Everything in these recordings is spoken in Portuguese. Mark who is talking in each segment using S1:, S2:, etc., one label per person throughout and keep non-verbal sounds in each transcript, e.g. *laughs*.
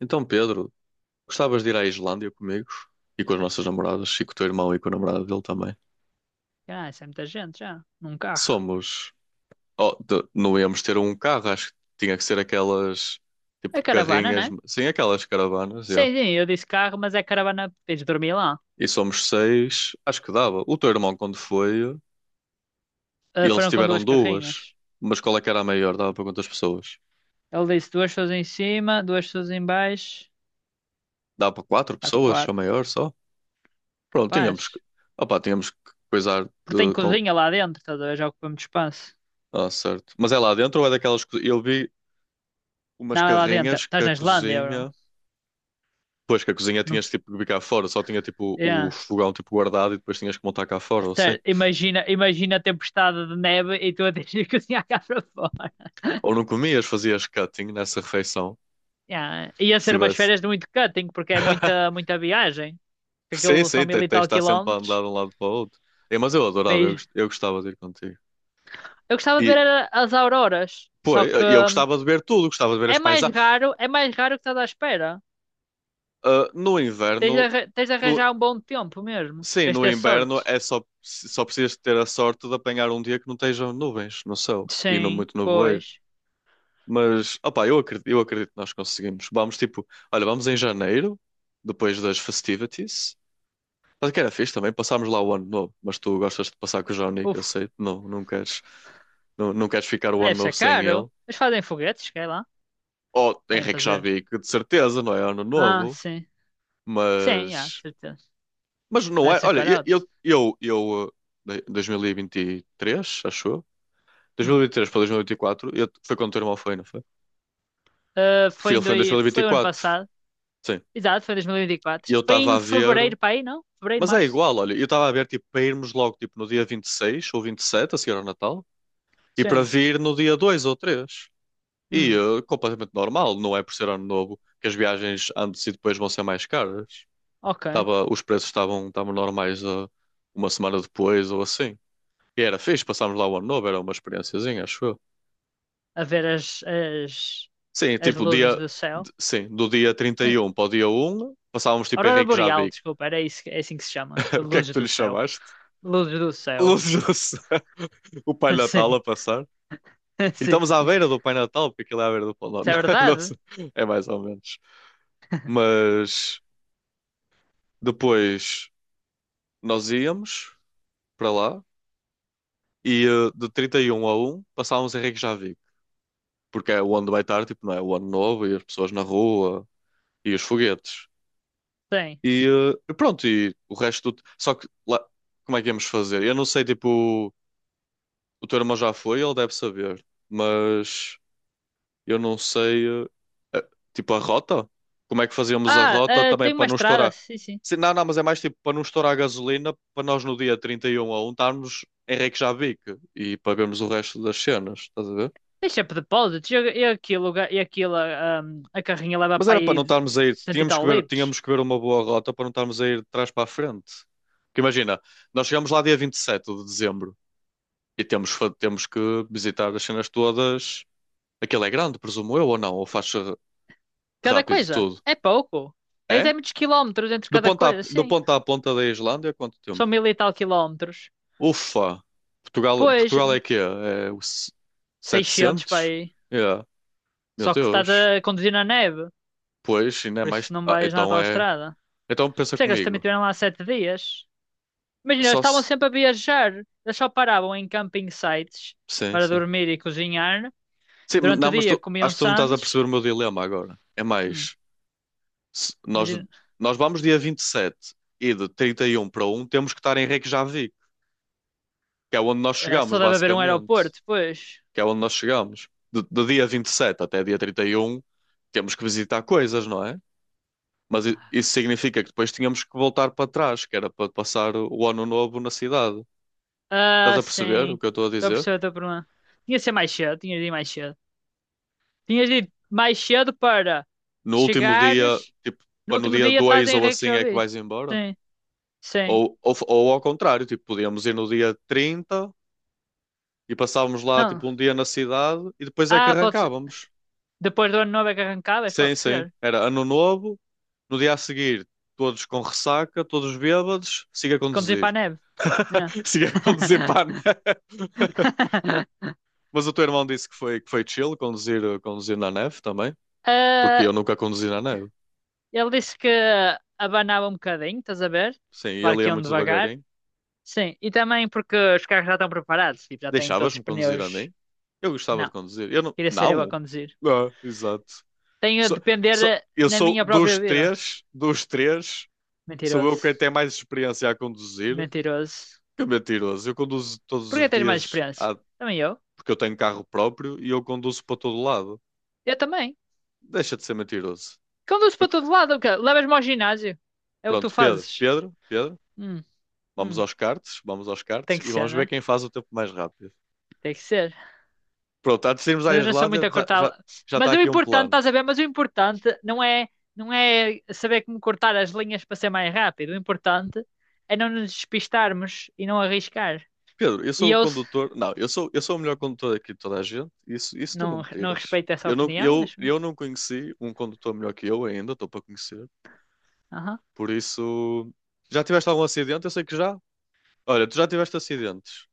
S1: Então, Pedro, gostavas de ir à Islândia comigo e com as nossas namoradas e com o teu irmão e com a namorada dele também?
S2: Ah, isso é muita gente já, num carro.
S1: Somos. Oh, não íamos ter um carro, acho que tinha que ser aquelas tipo
S2: É caravana, né?
S1: carrinhas, sim, aquelas caravanas, é.
S2: Sim, sim, eu disse carro, mas é caravana, eles dormiam lá.
S1: E somos seis, acho que dava. O teu irmão, quando foi,
S2: Ah,
S1: eles
S2: foram com
S1: tiveram
S2: duas
S1: duas,
S2: carrinhas.
S1: mas qual é que era a maior? Dava para quantas pessoas?
S2: Ele disse duas pessoas em cima, duas pessoas em baixo.
S1: Dava para quatro
S2: Há
S1: pessoas, a
S2: quatro,
S1: maior só? Pronto, tínhamos que.
S2: capaz.
S1: Opá, tínhamos que coisar
S2: Porque tem
S1: de.
S2: cozinha lá dentro, estás a ver? Já ocupa muito espaço.
S1: Ah, certo. Mas é lá dentro ou é daquelas? Eu vi umas
S2: Não, é lá dentro.
S1: carrinhas que
S2: Estás
S1: a
S2: na Islândia, bro.
S1: cozinha. Pois, que a cozinha
S2: Não...
S1: tinhas tipo que vir cá fora, só tinha tipo o
S2: É.
S1: fogão tipo guardado e depois tinhas que montar cá fora, ou assim.
S2: Sério, imagina, imagina a tempestade de neve e tu a *laughs* tens de cozinhar cá para fora.
S1: Ou não comias, fazias cutting nessa refeição,
S2: Yeah. Ia
S1: se
S2: ser umas
S1: tivesse.
S2: férias de muito cutting, porque é muita,
S1: *laughs*
S2: muita viagem. Porque
S1: Sim,
S2: aquilo são
S1: sim,
S2: mil
S1: tens
S2: e
S1: de
S2: tal
S1: estar sempre a andar
S2: quilómetros.
S1: de um lado para o outro. É, mas eu adorava,
S2: Mas
S1: eu gostava de ir contigo.
S2: eu gostava de ver
S1: E,
S2: era as auroras,
S1: pô,
S2: só
S1: eu
S2: que
S1: eu gostava de ver tudo, gostava de ver as paisagens.
S2: é mais raro que estás à espera.
S1: Ah, no
S2: Tens de,
S1: inverno,
S2: tens de
S1: no-
S2: arranjar um bom tempo mesmo.
S1: sim,
S2: Tens de
S1: no
S2: ter
S1: inverno
S2: sorte.
S1: é só, só precisas de ter a sorte de apanhar um dia que não estejam nuvens no céu e não
S2: Sim,
S1: muito nevoeiro.
S2: pois.
S1: Mas, opá, eu acredito que nós conseguimos. Vamos, tipo, olha, vamos em janeiro, depois das festivities. Mas que era fixe também, passámos lá o ano novo. Mas tu gostas de passar com o Johnny, que eu
S2: Uf,
S1: sei, não, não queres, não, não queres ficar o
S2: deve
S1: ano
S2: ser
S1: novo sem ele.
S2: caro. Eles fazem foguetes, quer lá?
S1: Ou
S2: Devem
S1: Henrique já
S2: fazer.
S1: vi que de certeza, não é ano
S2: Ah,
S1: novo,
S2: sim. Sim, já, de
S1: mas,
S2: certeza.
S1: mas não
S2: Vai
S1: é.
S2: ser
S1: Olha, eu,
S2: carote.
S1: eu, eu, eu eh, 2023, acho eu.
S2: Hum.
S1: 2023 para 2024, eu, foi quando o teu irmão foi, não foi?
S2: Ah,
S1: Ele foi em
S2: foi o ano
S1: 2024,
S2: passado.
S1: sim.
S2: Exato, foi em 2024.
S1: E eu
S2: Foi
S1: estava
S2: em
S1: a ver.
S2: fevereiro, para aí, não? Fevereiro,
S1: Mas é
S2: março.
S1: igual, olha, eu estava a ver tipo, para irmos logo tipo, no dia 26 ou 27 a seguir ao Natal, e para
S2: Sim.
S1: vir no dia 2 ou 3. E
S2: Hum,
S1: eh, completamente normal, não é por ser ano novo que as viagens antes e depois vão ser mais caras.
S2: ok.
S1: Tava, os preços estavam normais eh, uma semana depois ou assim. E era fixe, passámos lá o ano novo, era uma experiênciazinha, acho eu.
S2: A ver
S1: Sim,
S2: as
S1: tipo,
S2: luzes do céu.
S1: sim, do dia trinta
S2: Eh,
S1: e um para o dia 1 passávamos tipo
S2: Aurora
S1: Henrique
S2: Boreal,
S1: Javi.
S2: desculpa, era isso, é assim que se chama.
S1: *laughs* O que é que
S2: Luzes
S1: tu
S2: do
S1: lhe
S2: céu.
S1: chamaste?
S2: Luzes do céu.
S1: Luz do céu. *laughs* O Pai
S2: *laughs*
S1: Natal
S2: Sim,
S1: a passar. E
S2: sim.
S1: estamos à beira do Pai Natal, porque aquilo é à beira do Pão de Ló.
S2: Isso é
S1: *laughs* Não
S2: verdade?
S1: sei, é mais ou menos. Mas depois nós íamos para lá e eh, de 31 a 1 passávamos em Reykjavik, porque é onde vai estar, tipo, não é? O ano novo e as pessoas na rua e os foguetes.
S2: Tem.
S1: E eh, e pronto, e o resto do... Só que lá, como é que íamos fazer? Eu não sei, tipo, o teu irmão já foi, ele deve saber, mas eu não sei, eh, tipo a rota? Como é que fazíamos a
S2: Ah,
S1: rota também
S2: tem
S1: para
S2: uma
S1: não
S2: estrada,
S1: estourar?
S2: sim, sim.
S1: Sim, não, não, mas é mais tipo para não estourar a gasolina, para nós no dia 31 a 1 estarmos em Reykjavik e pagamos o resto das cenas, estás a ver?
S2: Tem sempre depósitos. E aquilo, a carrinha leva
S1: Mas
S2: para
S1: era para não
S2: aí
S1: estarmos a ir,
S2: cento e
S1: tínhamos que
S2: tal
S1: ver,
S2: litros.
S1: tínhamos que ver uma boa rota para não estarmos a ir de trás para a frente. Porque imagina, nós chegamos lá dia 27 de dezembro e temos, temos que visitar as cenas todas. Aquilo é grande, presumo eu, ou não? Ou faz
S2: Cada
S1: rápido
S2: coisa.
S1: tudo?
S2: É pouco. Tens é
S1: É?
S2: muitos quilómetros entre cada coisa,
S1: Do
S2: sim.
S1: ponto à ponta da Islândia, quanto
S2: São
S1: tempo?
S2: mil e tal quilómetros.
S1: Ufa! Portugal,
S2: Pois,
S1: Portugal é quê? É o
S2: 600 para
S1: 700?
S2: aí.
S1: É. Meu
S2: Só que estás
S1: Deus.
S2: a conduzir na neve.
S1: Pois, ainda é
S2: Por
S1: mais.
S2: isso não
S1: Ah,
S2: vais na
S1: então
S2: à
S1: é.
S2: estrada.
S1: Então pensa
S2: Por isso é que eles também
S1: comigo.
S2: estiveram lá 7 dias. Imagina, eles
S1: Só
S2: estavam
S1: se.
S2: sempre a viajar. Eles só paravam em camping sites
S1: Sim,
S2: para
S1: sim.
S2: dormir e cozinhar.
S1: Sim, mas
S2: Durante o
S1: não, mas
S2: dia
S1: tu,
S2: comiam
S1: acho que tu não estás a
S2: sandes.
S1: perceber o meu dilema agora. É
S2: Hum,
S1: mais. se- nós,
S2: imagina,
S1: nós vamos dia 27 e de 31 para um temos que estar em Reykjavik, que é onde nós chegamos,
S2: só deve haver um
S1: basicamente.
S2: aeroporto, depois.
S1: Que é onde nós chegamos. Do, do dia 27 até dia 31 temos que visitar coisas, não é? Mas isso significa que depois tínhamos que voltar para trás, que era para passar o ano novo na cidade. Estás
S2: Ah,
S1: a perceber o
S2: sim.
S1: que eu estou a
S2: Estou a
S1: dizer?
S2: perceber a tua pergunta. Tinha de ser mais cedo, tinhas de ir mais cedo. Tinhas de ir mais cedo para
S1: No último dia,
S2: chegares.
S1: tipo,
S2: No
S1: para no
S2: último
S1: dia
S2: dia estás
S1: 2
S2: em
S1: ou assim é que
S2: Reykjavik.
S1: vais embora?
S2: Sim, sim.
S1: Ou ao contrário, tipo, podíamos ir no dia 30 e passávamos lá,
S2: Não.
S1: tipo, um dia na cidade e depois é que
S2: Ah, pode ser.
S1: arrancávamos.
S2: Depois do ano novo é que arrancavas?
S1: Sim,
S2: Pode ser.
S1: sim. Era ano novo, no dia a seguir, todos com ressaca, todos bêbados, siga a
S2: Conduzir para a
S1: conduzir.
S2: neve. É.
S1: *laughs* Seguia a conduzir para a neve. *laughs*
S2: *laughs*
S1: Mas o teu irmão disse que foi chill conduzir, eh, conduzir na neve também, porque
S2: Ah,
S1: eu nunca conduzi na neve.
S2: ele disse que abanava um bocadinho, estás a ver?
S1: Sim,
S2: Claro
S1: ele
S2: que
S1: ia
S2: iam
S1: muito
S2: devagar.
S1: devagarinho.
S2: Sim, e também porque os carros já estão preparados, tipo, já têm todos os
S1: Deixavas-me conduzir a
S2: pneus.
S1: mim? Eu gostava
S2: Não,
S1: de conduzir. Eu não.
S2: queria ser eu a
S1: Não!
S2: conduzir.
S1: Ah, exato.
S2: Tenho a
S1: Sou,
S2: depender
S1: sou, eu
S2: na
S1: sou
S2: minha própria
S1: dos
S2: vida.
S1: três, sou eu quem
S2: Mentiroso.
S1: tem mais experiência a conduzir.
S2: Mentiroso.
S1: Que é mentiroso. Eu conduzo todos
S2: Porquê
S1: os
S2: tens mais
S1: dias
S2: experiência? Também eu.
S1: porque eu tenho carro próprio e eu conduzo para todo lado.
S2: Eu também.
S1: Deixa de ser mentiroso.
S2: Conduzo
S1: Eu-
S2: para todo lado, o quê? Levas-me ao ginásio. É o que tu
S1: Pronto, Pedro,
S2: fazes.
S1: Pedro, Pedro.
S2: Hum, hum.
S1: Vamos aos
S2: Tem
S1: cartes
S2: que
S1: e
S2: ser,
S1: vamos
S2: não
S1: ver
S2: é?
S1: quem faz o tempo mais rápido.
S2: Tem que ser.
S1: Pronto, antes de irmos à
S2: Mas eu não sou muito
S1: Islândia,
S2: a cortar.
S1: já está
S2: Mas o
S1: aqui um
S2: importante,
S1: plano.
S2: estás a ver? Mas o importante não é, não é saber como cortar as linhas para ser mais rápido. O importante é não nos despistarmos e não arriscar.
S1: Pedro, eu
S2: E
S1: sou o
S2: eu
S1: condutor. Não, eu sou o melhor condutor aqui de toda a gente. Isso tu não
S2: não,
S1: me
S2: não
S1: tiras.
S2: respeito essa
S1: Eu não,
S2: opinião, mas.
S1: eu não conheci um condutor melhor que eu ainda, estou para conhecer.
S2: Aham.
S1: Por isso, já tiveste algum acidente? Eu sei que já. Olha, tu já tiveste acidentes.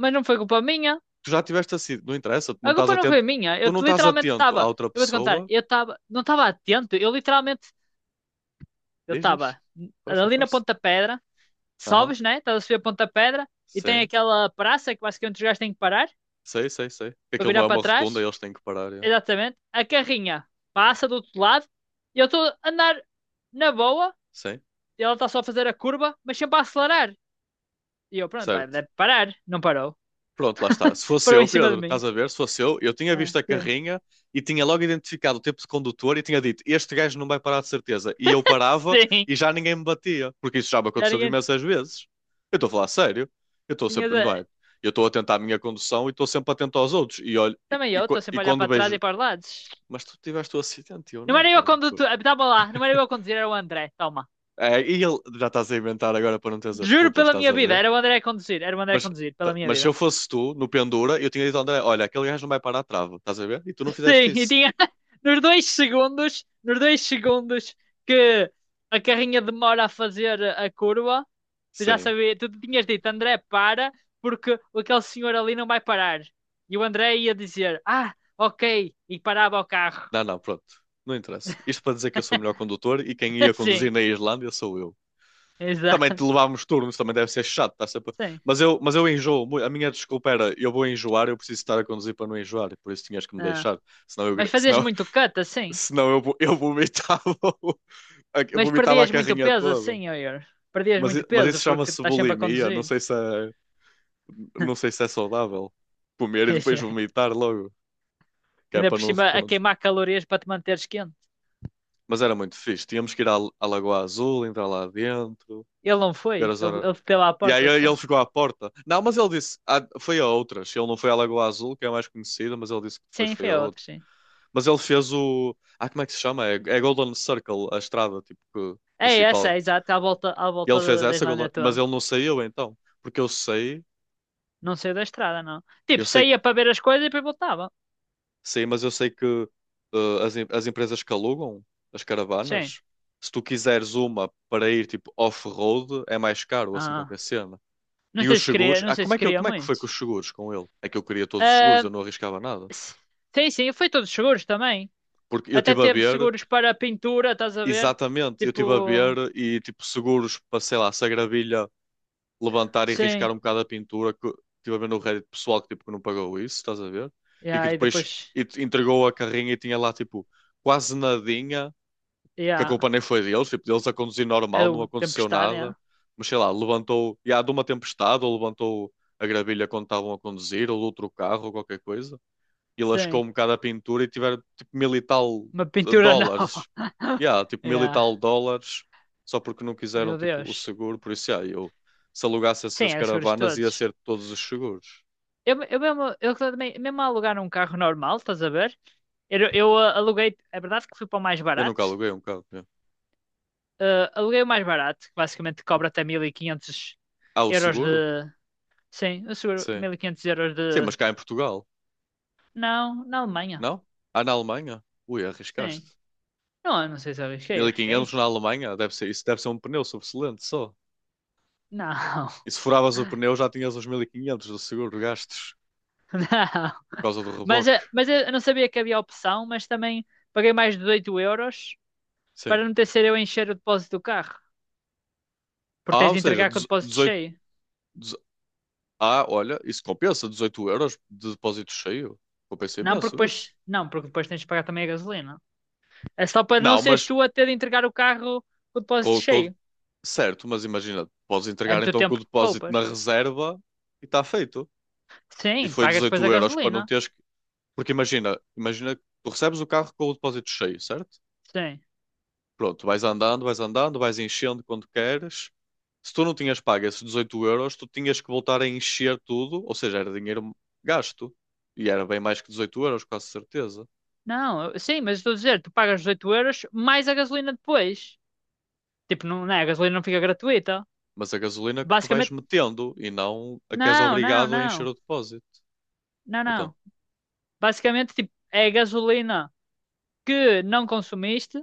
S2: Mas não foi culpa minha.
S1: Tu já tiveste acidente. Não interessa, tu não
S2: A
S1: estás
S2: culpa não foi
S1: atento.
S2: minha. Eu
S1: Tu não estás
S2: literalmente
S1: atento à
S2: estava.
S1: outra
S2: Eu vou te contar.
S1: pessoa.
S2: Eu estava. Não estava atento. Eu literalmente. Eu
S1: Diz, diz.
S2: estava
S1: Força,
S2: ali na
S1: força.
S2: Ponta Pedra.
S1: Aham,
S2: Sobes, né? Estás a subir a Ponta Pedra. E tem
S1: sim.
S2: aquela praça que basicamente os gajos têm que parar
S1: Sei, sei, sei. Que
S2: para
S1: aquilo não
S2: virar
S1: é uma
S2: para
S1: rotunda,
S2: trás.
S1: eles têm que parar. É.
S2: Exatamente. A carrinha passa do outro lado e eu estou a andar na boa.
S1: Sim,
S2: E ela está só a fazer a curva, mas sempre a acelerar. E eu, pronto, pá,
S1: certo.
S2: deve parar. Não parou.
S1: Pronto, lá está. Se fosse
S2: Parou
S1: eu,
S2: em cima de
S1: Pedro,
S2: mim.
S1: estás a ver? Se fosse eu tinha
S2: Ah,
S1: visto a
S2: sim.
S1: carrinha e tinha logo identificado o tipo de condutor e tinha dito: este gajo não vai parar de certeza. E eu
S2: *laughs*
S1: parava
S2: Sim.
S1: e já ninguém me batia, porque isso já me
S2: Já
S1: aconteceu imensas vezes. Eu estou a falar sério. Eu estou
S2: tinha.
S1: sempre, não é? Eu estou atento à minha condução e estou sempre atento aos outros. E olho,
S2: Também eu estou
S1: e
S2: sempre a olhar
S1: quando
S2: para trás e
S1: vejo,
S2: para os lados.
S1: mas tu tiveste o acidente, e eu
S2: Não
S1: não,
S2: era eu a
S1: Pedro.
S2: conduzir. Estava lá. Não era eu a conduzir, era o André. Toma.
S1: É, e ele, já estás a inventar agora para não teres as
S2: Juro
S1: culpas,
S2: pela
S1: estás
S2: minha
S1: a
S2: vida.
S1: ver?
S2: Era o André a conduzir. Era o André a
S1: Mas,
S2: conduzir. Pela minha
S1: mas se
S2: vida.
S1: eu fosse tu, no pendura, eu tinha dito ao André: olha, aquele gajo não vai parar a trava, estás a ver? E tu não fizeste
S2: Sim, e
S1: isso.
S2: tinha *laughs* nos 2 segundos, nos 2 segundos que a carrinha demora a fazer a curva, tu já
S1: Sim.
S2: sabias, tu tinhas dito, André, para, porque aquele senhor ali não vai parar. E o André ia dizer, ah, ok, e parava o carro.
S1: Não, não, pronto. Não interessa. Isto para dizer que eu sou o melhor condutor e quem ia
S2: *laughs*
S1: conduzir
S2: Sim,
S1: na Islândia sou eu. Também te
S2: exato,
S1: levámos turnos, também deve ser chato, tá sempre...
S2: sim.
S1: Mas eu enjoo. A minha desculpa era: eu vou enjoar, eu preciso estar a conduzir para não enjoar, e por isso tinhas que me
S2: Ah.
S1: deixar. Senão eu,
S2: Mas fazias
S1: senão,
S2: muito cut,
S1: *laughs*
S2: assim.
S1: senão eu, eu vomitava, o- *laughs* eu
S2: Mas
S1: vomitava a
S2: perdias muito
S1: carrinha
S2: peso,
S1: toda.
S2: assim, Oyer. Perdias
S1: Mas,
S2: muito
S1: mas
S2: peso,
S1: isso
S2: porque
S1: chama-se
S2: estás sempre a
S1: bulimia, não
S2: conduzir.
S1: sei se é. Não sei
S2: *laughs*
S1: se é saudável comer e depois
S2: Exato.
S1: vomitar logo, que é
S2: Ainda por cima,
S1: para
S2: a
S1: não...
S2: queimar calorias para te manteres quente.
S1: Mas era muito fixe. Tínhamos que ir à, à Lagoa Azul, entrar lá dentro,
S2: Ele não
S1: ver
S2: foi,
S1: as
S2: ele,
S1: horas.
S2: ele bateu à
S1: E aí
S2: porta só.
S1: ele ficou à porta. Não, mas ele disse, ah, foi a outras. Ele não foi à Lagoa Azul, que é a mais conhecida, mas ele disse que depois
S2: Sim,
S1: foi
S2: foi
S1: a
S2: a outra,
S1: outra.
S2: sim.
S1: Mas ele fez o. Ah, como é que se chama? É, é Golden Circle, a estrada tipo,
S2: É essa, é
S1: principal.
S2: exato, à
S1: E
S2: volta
S1: ele fez
S2: da, da
S1: essa, Golden,
S2: Islândia
S1: mas
S2: toda.
S1: ele não saiu então. Porque eu sei,
S2: Não saiu da estrada, não.
S1: eu
S2: Tipo,
S1: sei.
S2: saía para ver as coisas e depois voltava.
S1: Sim, mas eu sei que eh, as empresas que alugam as
S2: Sim.
S1: caravanas, se tu quiseres uma para ir tipo off-road, é mais caro, assim
S2: Ah,
S1: qualquer cena.
S2: não
S1: E os
S2: sei se queria,
S1: seguros,
S2: não
S1: ah,
S2: sei
S1: como
S2: se
S1: é que,
S2: queria
S1: como é que foi
S2: muito.
S1: com os seguros com ele? É que eu queria todos os seguros,
S2: Ah,
S1: eu não arriscava nada.
S2: s- sim, sim, foi todos seguros também.
S1: Porque eu
S2: Até
S1: estive a
S2: teve
S1: ver,
S2: seguros para pintura, estás a ver?
S1: exatamente, eu estive a
S2: Tipo,
S1: ver e tipo seguros para, sei lá, se a gravilha levantar e riscar
S2: sim.
S1: um bocado a pintura, que estive a ver no Reddit pessoal que tipo que não pagou isso, estás a ver? E que
S2: Yeah, e
S1: depois
S2: depois,
S1: entregou a carrinha e tinha lá tipo quase nadinha, que a
S2: yeah,
S1: culpa nem foi deles, tipo, deles a conduzir normal,
S2: era
S1: não
S2: o
S1: aconteceu
S2: Tempestade, yeah.
S1: nada, mas sei lá, levantou, e há de uma tempestade, ou levantou a gravilha quando estavam a conduzir, ou de outro carro, ou qualquer coisa, e lascou
S2: Sim,
S1: um bocado a pintura e tiveram tipo mil e tal
S2: uma pintura nova.
S1: dólares,
S2: *laughs*
S1: yeah, tipo mil e
S2: Yeah,
S1: tal dólares, só porque não quiseram
S2: meu
S1: tipo o
S2: Deus.
S1: seguro, por isso, yeah, eu, se alugasse
S2: Sim,
S1: essas
S2: era seguros
S1: caravanas, ia
S2: todos.
S1: ser todos os seguros.
S2: Eu mesmo, eu também, mesmo a alugar um carro normal, estás a ver? Aluguei, é verdade que fui para o mais
S1: Eu nunca
S2: barato.
S1: aluguei um carro. Yeah.
S2: Ah, aluguei o mais barato, que basicamente cobra até mil e quinhentos
S1: Ah, o
S2: euros de.
S1: seguro?
S2: Sim, eu seguro
S1: Sim.
S2: 1500 euros de.
S1: Sim, mas cá em Portugal,
S2: Não, na Alemanha.
S1: não? Ah, na Alemanha? Ui,
S2: Sim.
S1: arriscaste.
S2: Não, eu não sei se arrisquei,
S1: 1500
S2: arrisquei.
S1: na Alemanha, deve ser, isso deve ser um pneu sobressalente só.
S2: Não.
S1: E se furavas o
S2: *laughs*
S1: pneu já tinhas os 1500 do seguro gastos
S2: Não.
S1: por causa do
S2: Mas,
S1: reboque.
S2: eh, mas eu não sabia que havia opção, mas também paguei mais de 18 euros
S1: Sim.
S2: para não ter sido eu a encher o depósito do carro. Porque
S1: Ah,
S2: tens
S1: ou
S2: de
S1: seja,
S2: entregar com o depósito
S1: 18.
S2: cheio.
S1: dezo- Ah, olha, isso compensa, 18 € de depósito cheio. Compensa
S2: Não, porque
S1: imenso isso.
S2: depois, não, porque depois tens de pagar também a gasolina. É só para não
S1: Não,
S2: seres
S1: mas
S2: tu a ter de entregar o carro com o depósito
S1: com, com-
S2: cheio.
S1: certo, mas imagina, podes
S2: É
S1: entregar
S2: muito
S1: então com o
S2: tempo que
S1: depósito
S2: poupas.
S1: na reserva e está feito. E
S2: Sim,
S1: foi
S2: pagas depois a
S1: 18 € para não
S2: gasolina.
S1: teres que. Porque imagina, imagina, que tu recebes o carro com o depósito cheio, certo?
S2: Sim.
S1: Pronto, vais andando, vais andando, vais enchendo quando queres. Se tu não tinhas pago esses 18 euros, tu tinhas que voltar a encher tudo, ou seja, era dinheiro gasto. E era bem mais que 18 euros, quase certeza.
S2: Não, sim, mas estou a dizer, tu pagas os 8 euros mais a gasolina depois. Tipo, não, não é? A gasolina não fica gratuita.
S1: Mas a gasolina que tu vais
S2: Basicamente,
S1: metendo e não a que és
S2: não, não,
S1: obrigado a encher
S2: não.
S1: o depósito.
S2: Não,
S1: Então,
S2: não. Basicamente, tipo, é a gasolina que não consumiste,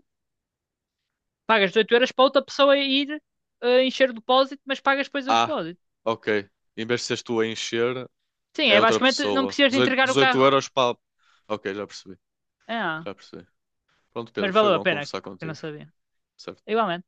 S2: pagas os 8 euros para outra pessoa ir encher o depósito, mas pagas depois o
S1: ah,
S2: depósito.
S1: ok. Em vez de seres tu a encher,
S2: Sim,
S1: é
S2: é
S1: outra
S2: basicamente não
S1: pessoa.
S2: precisas de
S1: 18,
S2: entregar o
S1: 18
S2: carro.
S1: euros para. Ok, já percebi,
S2: Ah,
S1: já percebi. Pronto, Pedro,
S2: mas
S1: foi
S2: valeu a
S1: bom
S2: pena,
S1: conversar
S2: que eu não
S1: contigo.
S2: sabia.
S1: Certo?
S2: Igualmente.